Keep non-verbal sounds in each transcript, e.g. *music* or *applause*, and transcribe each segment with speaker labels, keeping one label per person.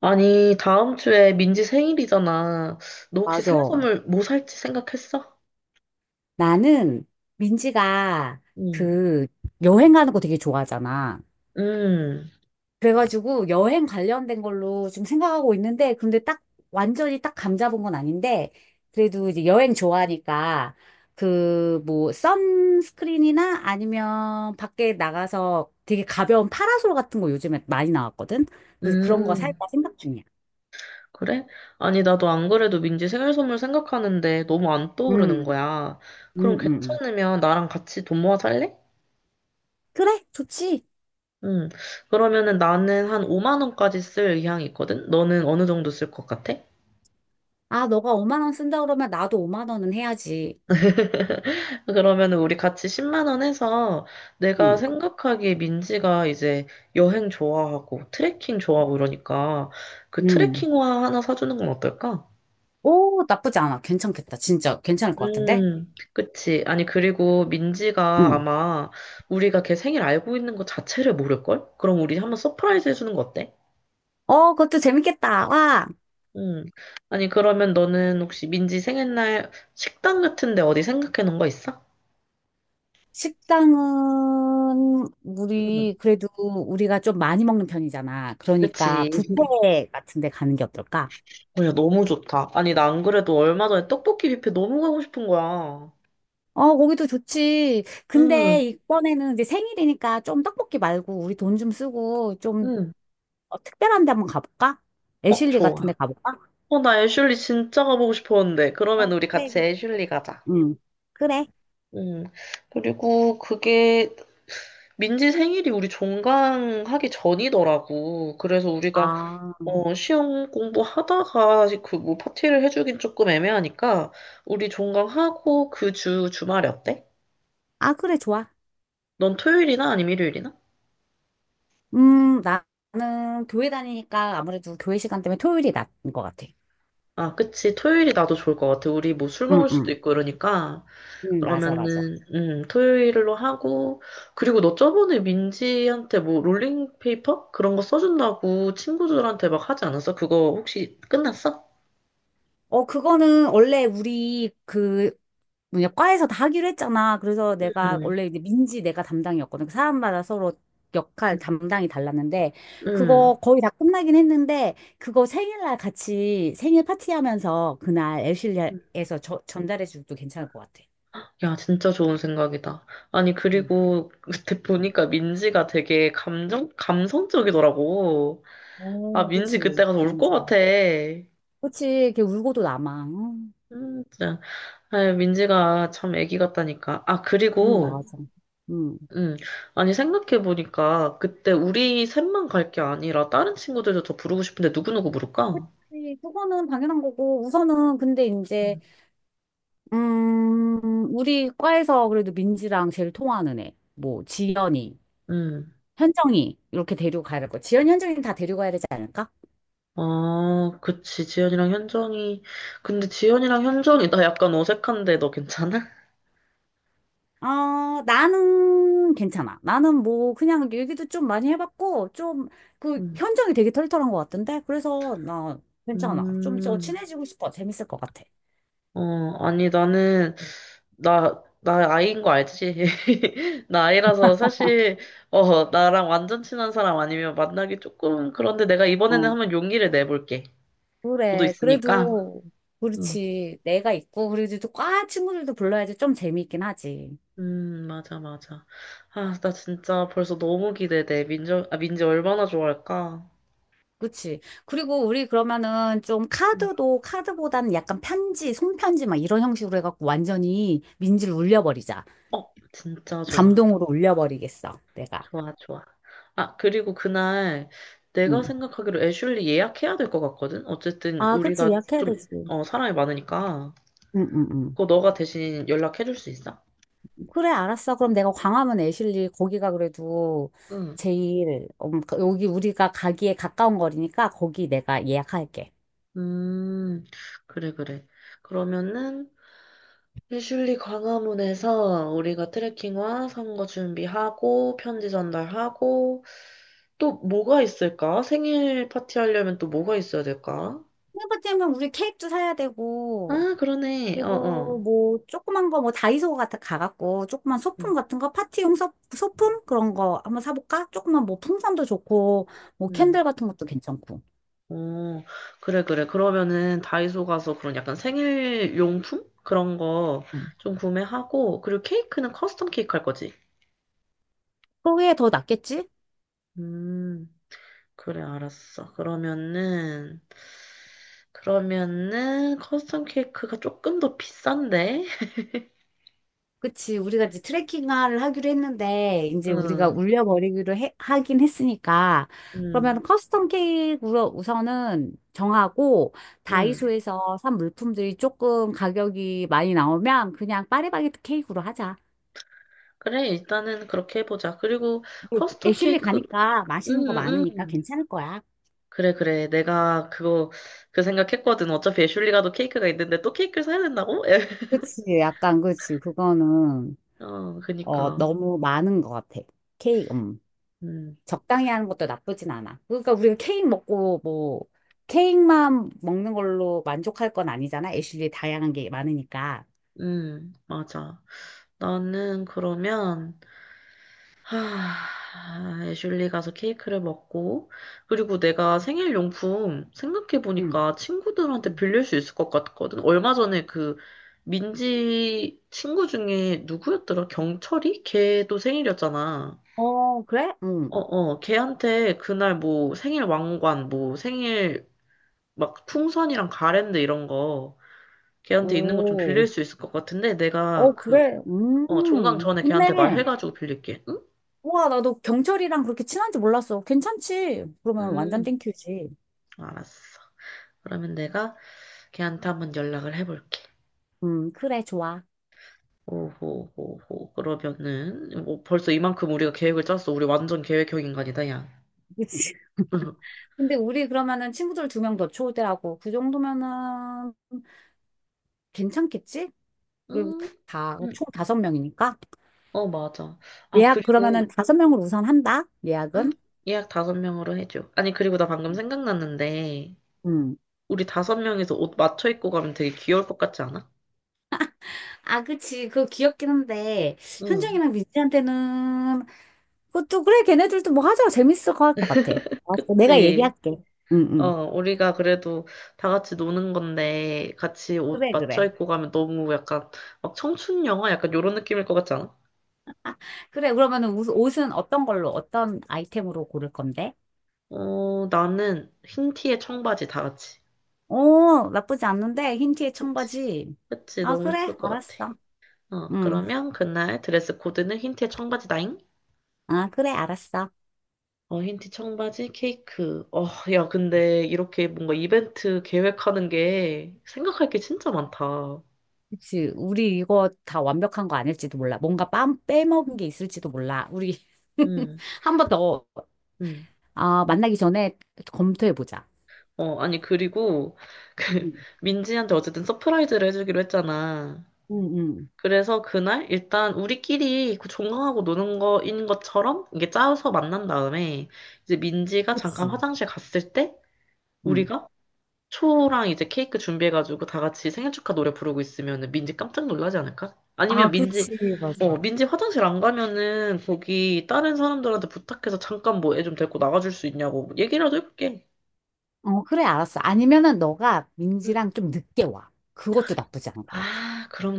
Speaker 1: 아니, 다음 주에 민지 생일이잖아. 너 혹시
Speaker 2: 맞아.
Speaker 1: 생일 선물 뭐 살지 생각했어?
Speaker 2: 나는 민지가
Speaker 1: 응,
Speaker 2: 그 여행 가는 거 되게 좋아하잖아.
Speaker 1: 음,
Speaker 2: 그래가지고 여행 관련된 걸로 좀 생각하고 있는데, 근데 딱 완전히 딱 감 잡은 건 아닌데, 그래도 이제 여행 좋아하니까 그 뭐 선스크린이나 아니면 밖에 나가서 되게 가벼운 파라솔 같은 거 요즘에 많이 나왔거든. 그래서 그런 거
Speaker 1: 음,
Speaker 2: 살까 생각 중이야.
Speaker 1: 그래? 아니, 나도 안 그래도 민지 생일 선물 생각하는데 너무 안 떠오르는
Speaker 2: 음,
Speaker 1: 거야.
Speaker 2: 음,
Speaker 1: 그럼
Speaker 2: 음. 음.
Speaker 1: 괜찮으면 나랑 같이 돈 모아 살래?
Speaker 2: 그래, 좋지.
Speaker 1: 응, 그러면은 나는 한 5만 원까지 쓸 의향이 있거든? 너는 어느 정도 쓸 것 같아?
Speaker 2: 아, 너가 5만 원 쓴다 그러면 나도 5만 원은 해야지.
Speaker 1: 그러면 우리 같이 10만 원 해서 내가
Speaker 2: 음.
Speaker 1: 생각하기에 민지가 이제 여행 좋아하고 트레킹 좋아하고 이러니까 그
Speaker 2: 음,
Speaker 1: 트레킹화 하나 사주는 건 어떨까?
Speaker 2: 오, 나쁘지 않아. 괜찮겠다. 진짜 괜찮을 것 같은데?
Speaker 1: 그치. 아니, 그리고 민지가
Speaker 2: 음.
Speaker 1: 아마 우리가 걔 생일 알고 있는 거 자체를 모를걸? 그럼 우리 한번 서프라이즈 해주는 거 어때?
Speaker 2: 어, 그것도 재밌겠다. 와.
Speaker 1: 음. 아니, 그러면 너는 혹시 민지 생일날 식당 같은데 어디 생각해 놓은 거 있어?
Speaker 2: 식당은
Speaker 1: 음,
Speaker 2: 우리 그래도 우리가 좀 많이 먹는 편이잖아. 그러니까
Speaker 1: 그치.
Speaker 2: 뷔페 같은 데 가는 게 어떨까?
Speaker 1: 어, 야, 너무 좋다. 아니, 나 안 그래도 얼마 전에 떡볶이 뷔페 너무 가고 싶은 거야.
Speaker 2: 어, 거기도 좋지.
Speaker 1: 응,
Speaker 2: 근데 이번에는 이제 생일이니까 좀 떡볶이 말고 우리 돈 좀 쓰고 좀
Speaker 1: 응.
Speaker 2: 어, 특별한 데 한번 가볼까?
Speaker 1: 어,
Speaker 2: 애슐리
Speaker 1: 좋아.
Speaker 2: 같은 데 가볼까?
Speaker 1: 어, 나 애슐리 진짜 가보고 싶었는데.
Speaker 2: 어,
Speaker 1: 그러면 우리
Speaker 2: 그래,
Speaker 1: 같이
Speaker 2: 그래.
Speaker 1: 애슐리 가자.
Speaker 2: 응. 그래.
Speaker 1: 응. 그리고 그게 민지 생일이 우리 종강하기 전이더라고. 그래서 우리가
Speaker 2: 아,
Speaker 1: 시험 공부하다가 그 뭐 파티를 해주긴 조금 애매하니까 우리 종강하고 그 주 주말에 어때?
Speaker 2: 아, 그래, 좋아.
Speaker 1: 넌 토요일이나 아니면 일요일이나?
Speaker 2: 나는 교회 다니니까 아무래도 교회 시간 때문에 토요일이 낫는 것 같아.
Speaker 1: 아, 그치. 토요일이 나도 좋을 것 같아. 우리 뭐 술
Speaker 2: 응,
Speaker 1: 먹을 수도
Speaker 2: 응.
Speaker 1: 있고 이러니까. 음.
Speaker 2: 응, 맞아, 맞아.
Speaker 1: 그러면은, 토요일로 하고. 그리고 너 저번에 민지한테 뭐 롤링페이퍼? 그런 거 써준다고 친구들한테 막 하지 않았어? 그거 혹시 끝났어?
Speaker 2: 어, 그거는 원래 우리 그, 뭐냐, 과에서 다 하기로 했잖아. 그래서 내가
Speaker 1: 응,
Speaker 2: 원래 이제 민지 내가 담당이었거든. 그 사람마다 서로 역할 담당이 달랐는데,
Speaker 1: 응.
Speaker 2: 그거 거의 다 끝나긴 했는데, 그거 생일날 같이 생일 파티하면서 그날 엘실리아에서 전달해줘도 괜찮을 것 같아.
Speaker 1: 야, 진짜 좋은 생각이다. 아니,
Speaker 2: 응.
Speaker 1: 그리고 그때
Speaker 2: 응.
Speaker 1: 보니까 민지가 되게 감성적이더라고. 아,
Speaker 2: 오,
Speaker 1: 민지
Speaker 2: 그치.
Speaker 1: 그때 가서 울 것
Speaker 2: 민지가.
Speaker 1: 같아.
Speaker 2: 그치. 걔 울고도 남아. 응.
Speaker 1: 진짜. 아, 민지가 참 애기 같다니까. 아,
Speaker 2: 맞아.
Speaker 1: 그리고,
Speaker 2: 음,
Speaker 1: 음, 아니, 생각해보니까, 그때 우리 셋만 갈 게 아니라, 다른 친구들도 더 부르고 싶은데, 누구누구 부를까?
Speaker 2: 네, 그거는 당연한 거고, 우선은 근데 이제,
Speaker 1: 음,
Speaker 2: 우리 과에서 그래도 민지랑 제일 통하는 애, 뭐, 지연이,
Speaker 1: 음.
Speaker 2: 현정이, 이렇게 데리고 가야 될 거야. 지연, 현정이 다 데리고 가야 되지 않을까?
Speaker 1: 아, 그치, 지연이랑 현정이. 근데 지연이랑 현정이, 나 약간 어색한데, 너 괜찮아?
Speaker 2: 어, 나는 괜찮아. 나는 뭐, 그냥 얘기도 좀 많이 해봤고, 좀, 그,
Speaker 1: 음,
Speaker 2: 현정이 되게 털털한 것 같은데? 그래서 나 괜찮아. 좀 더
Speaker 1: 음,
Speaker 2: 친해지고 싶어. 재밌을 것 같아.
Speaker 1: 아니, 나는, 나 아이인 거 알지? *laughs* 나 아이라서 사실, 나랑 완전 친한 사람 아니면 만나기 조금, 그런데 내가 이번에는 한번 용기를 내볼게. 너도
Speaker 2: 그래.
Speaker 1: 있으니까.
Speaker 2: 그래도,
Speaker 1: 음,
Speaker 2: 그렇지. 내가 있고, 그래도 또과 친구들도 불러야지 좀 재미있긴 하지.
Speaker 1: 맞아, 맞아. 아, 나 진짜 벌써 너무 기대돼. 민지, 아, 민지 얼마나 좋아할까?
Speaker 2: 그치. 그리고 우리 그러면은 좀
Speaker 1: 음.
Speaker 2: 카드도, 카드보다는 약간 편지, 손편지 막 이런 형식으로 해갖고 완전히 민지를 울려버리자.
Speaker 1: 어, 진짜 좋아.
Speaker 2: 감동으로 울려버리겠어. 내가.
Speaker 1: 좋아, 좋아. 아, 그리고 그날 내가
Speaker 2: 응.
Speaker 1: 생각하기로 애슐리 예약해야 될 것 같거든? 어쨌든
Speaker 2: 아, 그치.
Speaker 1: 우리가
Speaker 2: 예약해야
Speaker 1: 좀,
Speaker 2: 되지.
Speaker 1: 사람이 많으니까.
Speaker 2: 응, 응, 응.
Speaker 1: 그거 너가 대신 연락해줄 수 있어?
Speaker 2: 그래, 알았어. 그럼 내가 광화문 애슐리 거기가 그래도
Speaker 1: 응.
Speaker 2: 제일, 여기 우리가 가기에 가까운 거리니까 거기 내가 예약할게.
Speaker 1: 음, 그래, 그래. 그러면은, 피슐리 광화문에서 우리가 트레킹화 선거 준비하고, 편지 전달하고, 또 뭐가 있을까? 생일 파티 하려면 또 뭐가 있어야 될까?
Speaker 2: 생일 파티하면 우리 케이크도 사야 되고,
Speaker 1: 아, 그러네. 어,
Speaker 2: 그리고
Speaker 1: 어.
Speaker 2: 뭐, 조그만 거, 뭐, 다이소 같은 거 가갖고, 조그만
Speaker 1: 응.
Speaker 2: 소품 같은 거, 파티용 소품? 그런 거 한번 사볼까? 조그만 뭐, 풍선도 좋고, 뭐,
Speaker 1: 응
Speaker 2: 캔들 같은 것도 괜찮고.
Speaker 1: 어, 그래, 그래. 그러면은 다이소 가서 그런 약간 생일 용품? 그런 거
Speaker 2: 응.
Speaker 1: 좀 구매하고, 그리고 케이크는 커스텀 케이크 할 거지.
Speaker 2: 그게 더 낫겠지?
Speaker 1: 음. 그래, 알았어. 그러면은, 커스텀 케이크가 조금 더 비싼데?
Speaker 2: 그치. 우리가 이제 트레킹을 하기로 했는데, 이제 우리가
Speaker 1: 응,
Speaker 2: 울려버리기로 하긴 했으니까,
Speaker 1: 응,
Speaker 2: 그러면 커스텀 케이크로 우선은 정하고,
Speaker 1: 응.
Speaker 2: 다이소에서 산 물품들이 조금 가격이 많이 나오면, 그냥 파리바게트 케이크로 하자.
Speaker 1: 그래, 일단은 그렇게 해보자. 그리고
Speaker 2: 그리고
Speaker 1: 커스텀
Speaker 2: 애슐리
Speaker 1: 케이크,
Speaker 2: 가니까
Speaker 1: 응,
Speaker 2: 맛있는 거
Speaker 1: 응.
Speaker 2: 많으니까
Speaker 1: 응.
Speaker 2: 괜찮을 거야.
Speaker 1: 그래, 그래. 내가 그거, 그 생각했거든. 어차피 애슐리가도 케이크가 있는데 또 케이크를 사야 된다고? *laughs*
Speaker 2: 그치. 약간, 그치. 그거는,
Speaker 1: 어,
Speaker 2: 어,
Speaker 1: 그니까.
Speaker 2: 너무 많은 것 같아. 케이크,
Speaker 1: 응,
Speaker 2: 적당히 하는 것도 나쁘진 않아. 그러니까 우리가 케이크 먹고 뭐 케이크만 먹는 걸로 만족할 건 아니잖아. 애슐리 다양한 게 많으니까.
Speaker 1: 응, 맞아. 나는 그러면, 하, 애슐리 가서 케이크를 먹고, 그리고 내가 생일 용품
Speaker 2: 응.
Speaker 1: 생각해보니까 친구들한테
Speaker 2: 응.
Speaker 1: 빌릴 수 있을 것 같거든. 얼마 전에 그 민지 친구 중에 누구였더라? 경철이? 걔도 생일이었잖아.
Speaker 2: 어, 그래? 응.
Speaker 1: 어, 어, 걔한테 그날 뭐 생일 왕관, 뭐 생일 막 풍선이랑 가랜드 이런 거 걔한테 있는 거 좀
Speaker 2: 오.
Speaker 1: 빌릴 수 있을 것 같은데
Speaker 2: 어,
Speaker 1: 내가 그,
Speaker 2: 그래.
Speaker 1: 어, 종강
Speaker 2: 음.
Speaker 1: 전에 걔한테
Speaker 2: 좋네.
Speaker 1: 말해가지고 빌릴게. 응?
Speaker 2: 우와, 나도 경철이랑 그렇게 친한지 몰랐어. 괜찮지? 그러면 완전
Speaker 1: 음,
Speaker 2: 땡큐지.
Speaker 1: 알았어. 그러면 내가 걔한테 한번 연락을 해볼게.
Speaker 2: 그래, 좋아.
Speaker 1: 오호호호. 그러면은 뭐 벌써 이만큼 우리가 계획을 짰어. 우리 완전 계획형 인간이다, 야.
Speaker 2: 그치.
Speaker 1: *laughs*
Speaker 2: *laughs* 근데 우리 그러면은 친구들 두 명 더 초대하고 그 정도면은 괜찮겠지? 그리고
Speaker 1: 응.
Speaker 2: 다
Speaker 1: 음.
Speaker 2: 총 다섯 명이니까.
Speaker 1: 어, 맞아. 아,
Speaker 2: 예약 그러면은
Speaker 1: 그리고
Speaker 2: 다섯 명을 우선 한다?
Speaker 1: 음?
Speaker 2: 예약은?
Speaker 1: 예약 다섯 명으로 해줘. 아니, 그리고 나 방금 생각났는데
Speaker 2: 음.
Speaker 1: 우리 다섯 명이서 옷 맞춰 입고 가면 되게 귀여울 것 같지 않아?
Speaker 2: 아, 그치. 그거 귀엽긴 한데,
Speaker 1: 응.
Speaker 2: 현정이랑 민지한테는, 그것도, 그래, 걔네들도 뭐 하자. 재밌을 거 할 것 같아. 알았어, 내가
Speaker 1: 그치.
Speaker 2: 얘기할게. 응,
Speaker 1: 어,
Speaker 2: 응.
Speaker 1: 우리가 그래도 다 같이 노는 건데 같이 옷
Speaker 2: 그래,
Speaker 1: 맞춰
Speaker 2: 그래.
Speaker 1: 입고 가면 너무 약간 막 청춘 영화 약간 요런 느낌일 것 같지 않아?
Speaker 2: 그래, 그러면은 옷은 어떤 걸로, 어떤 아이템으로 고를 건데?
Speaker 1: 어, 나는 흰 티에 청바지 다 같이.
Speaker 2: 오, 나쁘지 않는데, 흰 티에
Speaker 1: 그치?
Speaker 2: 청바지.
Speaker 1: 그치?
Speaker 2: 아,
Speaker 1: 너무
Speaker 2: 그래,
Speaker 1: 예쁠 것 같아.
Speaker 2: 알았어.
Speaker 1: 어,
Speaker 2: 응.
Speaker 1: 그러면 그날 드레스 코드는 흰 티에 청바지 다잉?
Speaker 2: 아, 그래, 알았어.
Speaker 1: 어, 흰 티 청바지 케이크. 어, 야, 근데 이렇게 뭔가 이벤트 계획하는 게 생각할 게 진짜 많다.
Speaker 2: 그치. 우리 이거 다 완벽한 거 아닐지도 몰라. 뭔가 빼먹은 게 있을지도 몰라. 우리 *laughs*
Speaker 1: 응,
Speaker 2: 한 번 더,
Speaker 1: 응.
Speaker 2: 아, 만나기 전에 검토해보자.
Speaker 1: 어, 아니, 그리고 그 *laughs*
Speaker 2: 응,
Speaker 1: 민지한테 어쨌든 서프라이즈를 해주기로 했잖아.
Speaker 2: 응, 응.
Speaker 1: 그래서 그날 일단 우리끼리 그 종강하고 노는 거인 것처럼 이게 짜서 만난 다음에 이제 민지가 잠깐
Speaker 2: 그치.
Speaker 1: 화장실 갔을 때
Speaker 2: 응.
Speaker 1: 우리가 초랑 이제 케이크 준비해가지고 다 같이 생일 축하 노래 부르고 있으면은 민지 깜짝 놀라지 않을까? 아니면
Speaker 2: 아, 그치, 맞아.
Speaker 1: 민지 화장실 안 가면은 거기 다른 사람들한테 부탁해서 잠깐 뭐 애 좀 데리고 나가줄 수 있냐고 뭐 얘기라도 해볼게.
Speaker 2: 어, 그래, 알았어. 아니면은 너가
Speaker 1: 응.
Speaker 2: 민지랑 좀 늦게 와. 그것도 나쁘지 않은 것 같아.
Speaker 1: 아 그럼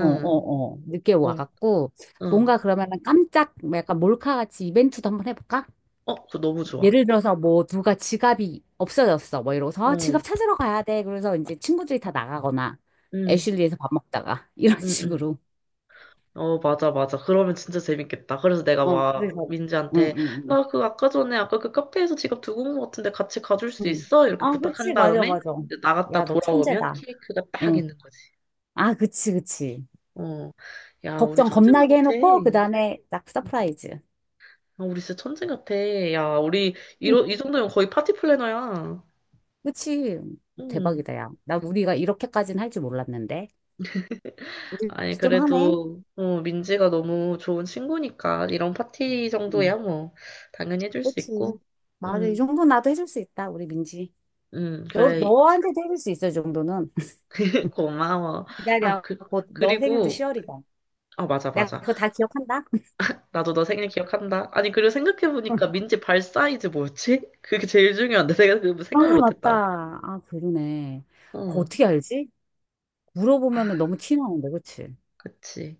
Speaker 2: 어, 어, 어. 늦게
Speaker 1: 어,
Speaker 2: 와갖고,
Speaker 1: 어
Speaker 2: 뭔가 그러면은 깜짝, 뭐 약간 몰카같이 이벤트도 한번 해볼까?
Speaker 1: 어, 그거 너무 좋아.
Speaker 2: 예를 들어서 뭐 누가 지갑이 없어졌어. 뭐 이러고서 아,
Speaker 1: 어,
Speaker 2: 지갑 찾으러 가야 돼. 그래서 이제 친구들이 다 나가거나
Speaker 1: 응,
Speaker 2: 애슐리에서 밥 먹다가 *laughs* 이런
Speaker 1: 응, 응.
Speaker 2: 식으로.
Speaker 1: 어, 맞아, 맞아. 그러면 진짜 재밌겠다. 그래서 내가
Speaker 2: 어,
Speaker 1: 막
Speaker 2: 그래서. 응,
Speaker 1: 민지한테,
Speaker 2: 응, 응.
Speaker 1: 나 그 아까 전에 아까 그 카페에서 지갑 두고 온 것 같은데 같이 가줄 수
Speaker 2: 응.
Speaker 1: 있어? 이렇게
Speaker 2: 아,
Speaker 1: 부탁한
Speaker 2: 그치. 맞아,
Speaker 1: 다음에
Speaker 2: 맞아.
Speaker 1: 나갔다
Speaker 2: 야, 너
Speaker 1: 돌아오면
Speaker 2: 천재다.
Speaker 1: 케이크가 딱
Speaker 2: 응.
Speaker 1: 있는 거지.
Speaker 2: 아, 그치, 그치.
Speaker 1: 어. 야, 우리
Speaker 2: 걱정
Speaker 1: 천재인 것
Speaker 2: 겁나게
Speaker 1: 같아.
Speaker 2: 해놓고
Speaker 1: 응.
Speaker 2: 그다음에 딱 서프라이즈.
Speaker 1: 아, 우리 진짜 천재 같아. 야, 우리 이
Speaker 2: *laughs*
Speaker 1: 정도면 거의 파티 플래너야.
Speaker 2: 그치.
Speaker 1: 응.
Speaker 2: 대박이다, 야. 나 우리가 이렇게까지는 할 줄 몰랐는데. 우리도
Speaker 1: 아니,
Speaker 2: 좀 하네.
Speaker 1: 그래도, 민지가 너무 좋은 친구니까 이런 파티
Speaker 2: 응.
Speaker 1: 정도야 뭐 당연히 해줄 수
Speaker 2: 그치.
Speaker 1: 있고.
Speaker 2: 맞아. 이
Speaker 1: 응,
Speaker 2: 정도 나도 해줄 수 있다, 우리 민지.
Speaker 1: 응,
Speaker 2: 너,
Speaker 1: 그래.
Speaker 2: 너한테도 해줄 수 있어, 정도는.
Speaker 1: *laughs*
Speaker 2: *laughs*
Speaker 1: 고마워. 아,
Speaker 2: 기다려. 곧 너 생일도
Speaker 1: 그리고,
Speaker 2: 10월이다.
Speaker 1: 아, 맞아,
Speaker 2: 내가
Speaker 1: 맞아.
Speaker 2: 그거 다 기억한다.
Speaker 1: 나도 너 생일 기억한다. 아니, 그리고 생각해보니까 민지 발 사이즈 뭐였지? 그게 제일 중요한데, 내가 그
Speaker 2: 아,
Speaker 1: 생각을
Speaker 2: 맞다.
Speaker 1: 못했다.
Speaker 2: 아, 그러네. 그거
Speaker 1: 응,
Speaker 2: 어떻게 알지? 물어보면 너무 티나는데, 그치?
Speaker 1: 그치.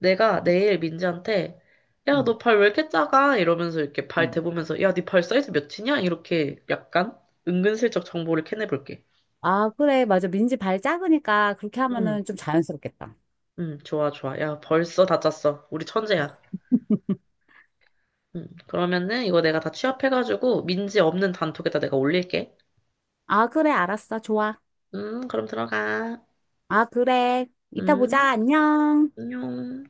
Speaker 1: 내가
Speaker 2: 어떡,
Speaker 1: 내일 민지한테, 야,
Speaker 2: 응,
Speaker 1: 너 발 왜 이렇게 작아? 이러면서 이렇게 발
Speaker 2: 응.
Speaker 1: 대보면서, 야, 네 발 사이즈 몇이냐? 이렇게 약간 은근슬쩍 정보를 캐내볼게.
Speaker 2: 아, 그래. 맞아. 민지 발 작으니까 그렇게
Speaker 1: 응,
Speaker 2: 하면은 좀 자연스럽겠다.
Speaker 1: 응, 좋아, 좋아. 야, 벌써 다 짰어. 우리 천재야.
Speaker 2: *laughs*
Speaker 1: 응, 그러면은 이거 내가 다 취합해가지고, 민지 없는 단톡에다 내가 올릴게.
Speaker 2: 아, 그래. 알았어. 좋아.
Speaker 1: 그럼 들어가.
Speaker 2: 아, 그래. 이따
Speaker 1: 음,
Speaker 2: 보자. 안녕.
Speaker 1: 안녕.